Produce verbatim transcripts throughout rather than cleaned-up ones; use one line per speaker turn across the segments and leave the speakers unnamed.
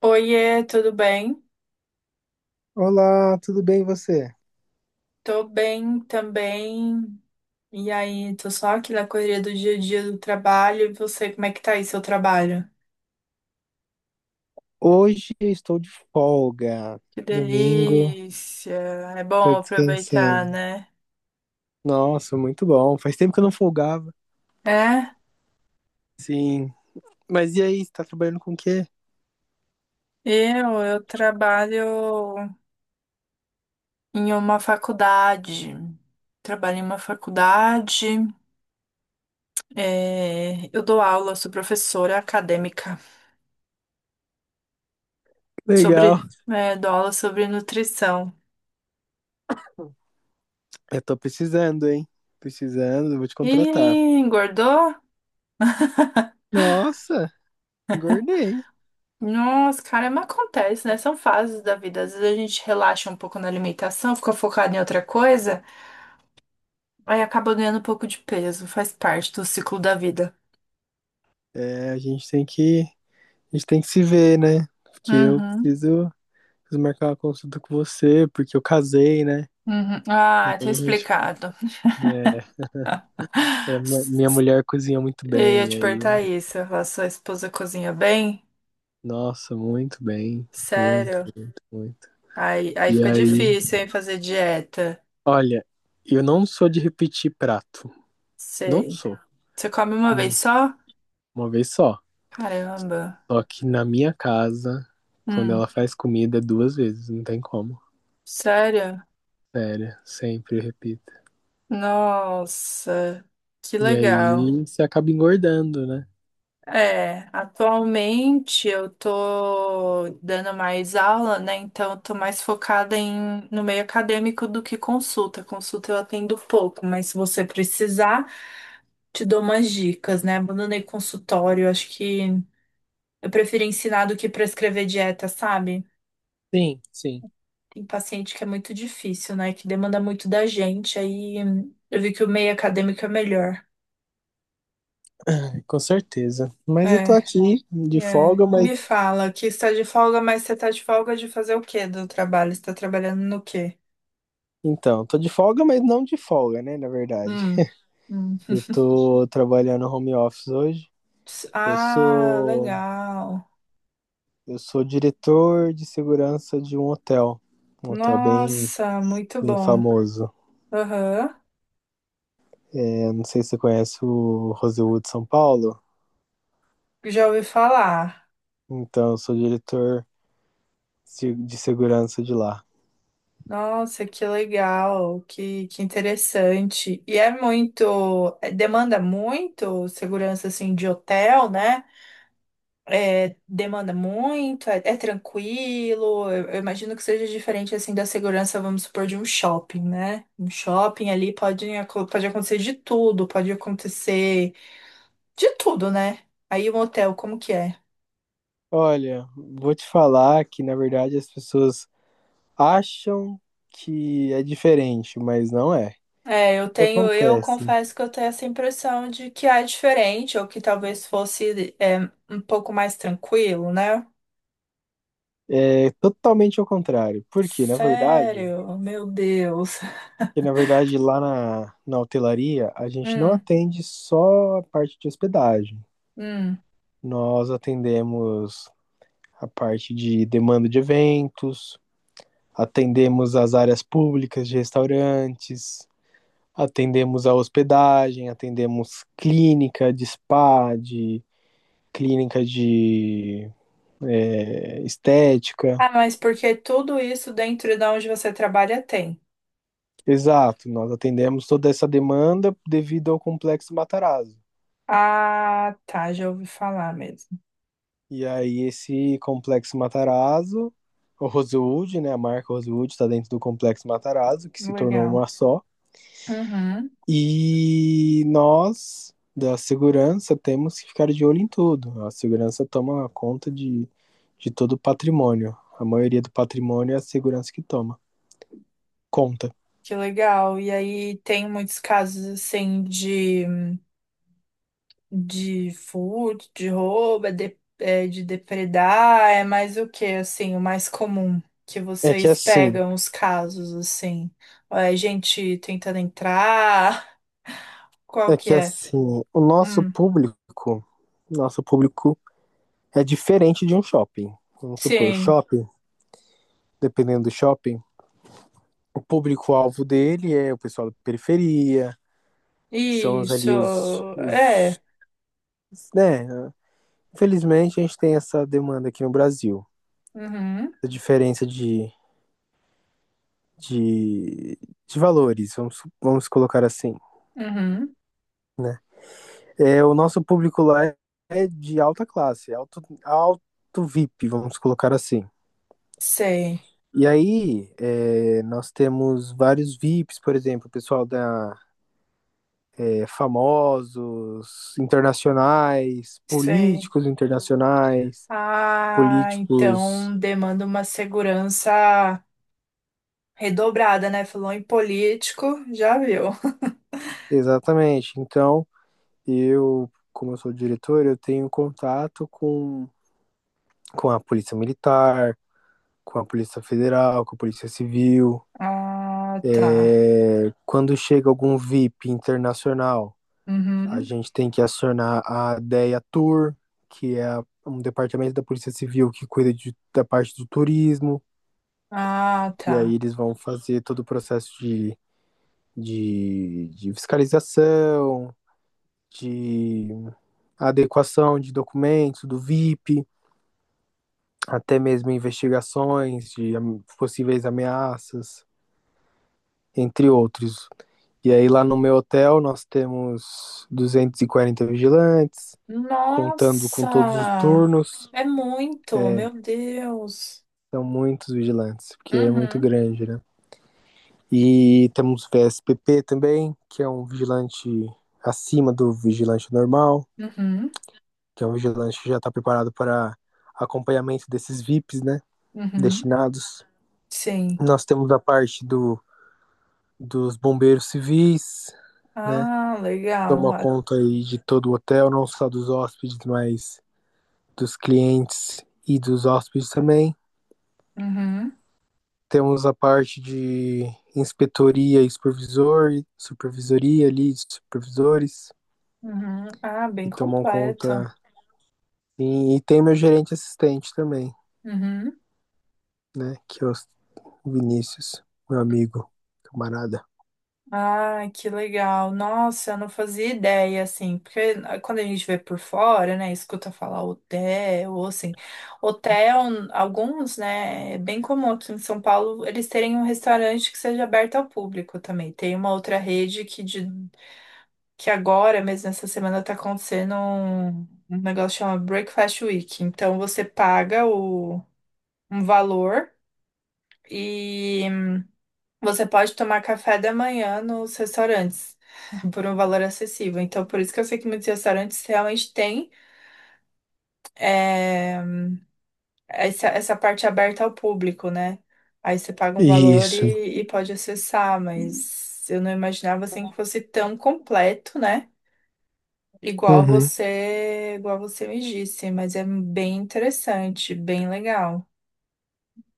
Oiê, tudo bem?
Olá, tudo bem e você?
Tô bem também. E aí, tô só aqui na correria do dia a dia do trabalho. E você, como é que tá aí seu trabalho?
Hoje eu estou de folga.
Que
Domingo,
delícia! É
tô
bom aproveitar,
descansando.
né?
Nossa, muito bom. Faz tempo que eu não folgava.
É,
Sim. Mas e aí, você tá trabalhando com o quê?
eu, eu trabalho em uma faculdade. Trabalho em uma faculdade. É, eu dou aula, sou professora acadêmica sobre,
Legal.
é, dou aula sobre nutrição.
Eu tô precisando, hein? Precisando, vou te
E
contratar.
engordou?
Nossa, engordei.
Nossa, caramba, acontece, né? São fases da vida. Às vezes a gente relaxa um pouco na alimentação, fica focado em outra coisa, aí acaba ganhando um pouco de peso. Faz parte do ciclo da vida.
É, a gente tem que, a gente tem que se ver, né? Porque eu
Uhum,
preciso, preciso marcar uma consulta com você, porque eu casei, né?
uhum.
Aí
Ah, tinha
a gente,
explicado.
é, é, minha mulher cozinha muito
Eu ia
bem,
te
aí
perguntar
eu.
isso. A sua esposa cozinha bem?
Nossa, muito bem. Muito,
Sério?
muito, muito.
Aí, aí
E
fica
aí,
difícil, hein, fazer dieta.
olha, eu não sou de repetir prato. Não
Sei.
sou.
Você come uma vez
Hum.
só?
Uma vez só.
Caramba.
Só que na minha casa, quando
Hum,
ela faz comida, é duas vezes. Não tem como.
sério?
Sério, sempre eu repito.
Nossa, que
E aí
legal.
você acaba engordando, né?
É, atualmente eu tô dando mais aula, né? Então eu tô mais focada em, no meio acadêmico do que consulta. Consulta eu atendo pouco, mas se você precisar, te dou umas dicas, né? Abandonei consultório, acho que eu prefiro ensinar do que prescrever dieta, sabe?
Sim, sim.
Tem paciente que é muito difícil, né? Que demanda muito da gente, aí hum, eu vi que o meio acadêmico é melhor.
Com certeza. Mas eu tô
É.
aqui de
É,
folga, mas.
me fala que está de folga, mas você está de folga de fazer o quê do trabalho? Você está trabalhando no quê?
Então, tô de folga, mas não de folga, né? Na verdade.
Hum, hum.
Eu tô trabalhando home office hoje. Eu
Ah,
sou
legal.
Eu sou diretor de segurança de um hotel, um hotel bem,
Nossa, muito
bem
bom.
famoso.
Aham,
É, não sei se você conhece o Rosewood São Paulo.
já ouvi falar.
Então, eu sou diretor de segurança de lá.
Nossa, que legal, que, que interessante. E é muito, é, demanda muito segurança assim de hotel, né? É, demanda muito, é, é tranquilo. Eu, eu imagino que seja diferente assim da segurança, vamos supor, de um shopping, né? Um shopping ali pode, aco- pode acontecer de tudo, pode acontecer de tudo, né? Aí um hotel, como que é?
Olha, vou te falar que na verdade as pessoas acham que é diferente, mas não é.
É, eu
O que
tenho, eu
acontece?
confesso que eu tenho essa impressão de que é diferente, ou que talvez fosse é, um pouco mais tranquilo, né?
É totalmente ao contrário. Porque, na verdade,
Sério, meu Deus.
que na verdade lá na, na hotelaria a gente não
Hum,
atende só a parte de hospedagem.
hum.
Nós atendemos a parte de demanda de eventos, atendemos as áreas públicas de restaurantes, atendemos a hospedagem, atendemos clínica de spa, de clínica de é, estética.
Ah, mas porque tudo isso dentro de onde você trabalha tem.
Exato, nós atendemos toda essa demanda devido ao Complexo Matarazzo.
Ah, tá, já ouvi falar mesmo.
E aí esse Complexo Matarazzo, o Rosewood, né, a marca Rosewood está dentro do Complexo Matarazzo, que se tornou
Legal.
uma só.
Uhum.
E nós, da segurança, temos que ficar de olho em tudo. A segurança toma conta de, de todo o patrimônio. A maioria do patrimônio é a segurança que toma. Conta.
Que legal. E aí tem muitos casos assim de, de furto, de roubo, é de, é de depredar, é mais o que assim, o mais comum que
É que
vocês
assim,
pegam os casos assim. Ou é gente tentando entrar, qual
é
que
que
é?
assim, o nosso
Hum,
público, nosso público é diferente de um shopping. Vamos supor,
sim.
shopping, dependendo do shopping, o público-alvo dele é o pessoal da periferia, são os
Isso.
ali os,
É.
os, né, Infelizmente, a gente tem essa demanda aqui no Brasil,
Uhum.
a diferença de, de, de valores, vamos, vamos colocar assim.
Uhum.
É, o nosso público lá é de alta classe, alto, alto V I P, vamos colocar assim.
Sei,
E aí, é, nós temos vários V I Ps, por exemplo, pessoal da é, famosos, internacionais,
sei.
políticos internacionais,
Ah,
políticos.
então demanda uma segurança redobrada, né? Falou em político, já viu.
Exatamente. Então, eu, como eu sou diretor, eu tenho contato com, com a Polícia Militar, com a Polícia Federal, com a Polícia Civil.
Ah, tá.
Quando chega algum V I P internacional, a
Uhum.
gente tem que acionar a D E A Tour, que é um departamento da Polícia Civil que cuida de, da parte do turismo,
Ah,
e
tá.
aí eles vão fazer todo o processo de, de, de fiscalização, de adequação de documentos do V I P, até mesmo investigações de am- possíveis ameaças, entre outros. E aí lá no meu hotel nós temos duzentos e quarenta vigilantes, contando com todos os
Nossa!
turnos,
É muito, meu Deus.
são muitos vigilantes, porque é muito
Uhum,
grande, né? E temos V S P P também, que é um vigilante acima do vigilante normal,
uhum,
que é um vigilante que já está preparado para acompanhamento desses V I Ps, né?
uhum.
Destinados.
Sim.
Nós temos a parte do dos bombeiros civis, né?
Ah, legal.
Toma
Ah,
conta aí de todo o hotel, não só dos hóspedes, mas dos clientes e dos hóspedes também.
uhum,
Temos a parte de inspetoria e supervisor, supervisoria ali, de supervisores,
uhum. Ah,
que
bem
tomam
completo.
conta. E, e tem meu gerente assistente também,
Uhum.
né? Que é o Vinícius, meu amigo, camarada.
Ai, que legal. Nossa, eu não fazia ideia, assim, porque ah, quando a gente vê por fora, né, escuta falar hotel, ou assim, hotel, alguns, né, é bem comum aqui em São Paulo eles terem um restaurante que seja aberto ao público também. Tem uma outra rede que, de, que agora, mesmo essa semana, tá acontecendo um, um negócio que chama Breakfast Week. Então, você paga o, um valor e... Você pode tomar café da manhã nos restaurantes por um valor acessível. Então, por isso que eu sei que muitos restaurantes realmente têm é, essa, essa parte aberta ao público, né? Aí você paga um valor
Isso.
e, e pode acessar, mas eu não imaginava assim que fosse tão completo, né? Igual
Uhum.
você, igual você me disse, mas é bem interessante, bem legal.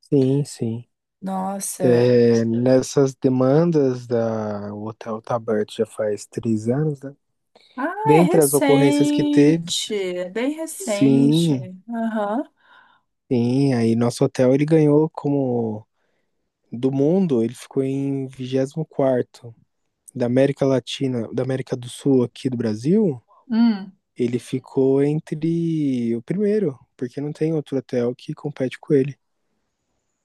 Sim, sim.
Nossa,
É, nessas demandas da o Hotel Tabert já faz três anos, né?
ah, é
Dentre as ocorrências que teve,
recente, é bem recente.
sim,
Aham.
sim, aí nosso hotel ele ganhou como do mundo, ele ficou em vigésimo quarto da América Latina, da América do Sul aqui do Brasil,
Hum.
ele ficou entre o primeiro, porque não tem outro hotel que compete com ele.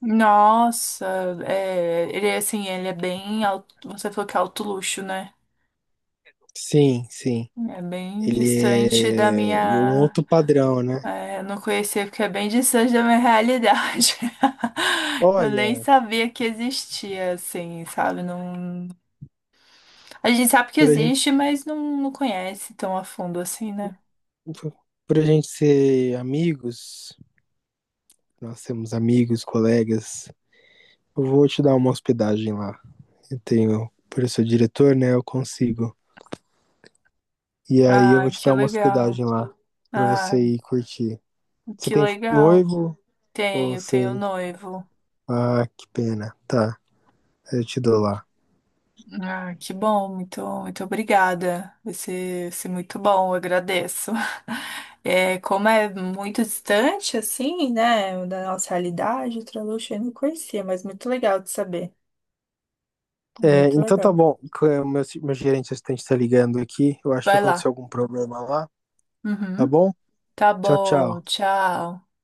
Nossa, é, ele é assim, ele é bem alto, você falou que é alto luxo, né?
Sim, sim.
É bem distante da
Ele é um
minha.
outro padrão, né?
É, eu não conhecia porque é bem distante da minha realidade. Eu nem
Olha,
sabia que existia, assim, sabe? Não... A gente sabe que
por a gente
existe, mas não, não conhece tão a fundo assim, né?
Por por a gente ser amigos, nós temos amigos, colegas. Eu vou te dar uma hospedagem lá. Eu tenho, por eu ser diretor, né? Eu consigo. E aí eu
Ah,
vou te
que
dar uma
legal.
hospedagem lá pra você
Ah,
ir curtir. Você
que
tem
legal.
noivo ou
Tenho, tenho um
você.
noivo.
Ah, que pena. Tá, eu te dou lá.
Ah, que bom, muito, muito obrigada. Vai ser, vai ser muito bom, eu agradeço. É, como é muito distante, assim, né, da nossa realidade, o Traluche eu não conhecia, mas muito legal de saber.
É,
Muito
então tá
legal.
bom. Co- é, meu, meu gerente assistente tá ligando aqui. Eu acho que
Vai
aconteceu
lá.
algum problema lá. Tá
Uhum.
bom?
Tá
Tchau,
bom,
tchau.
tchau.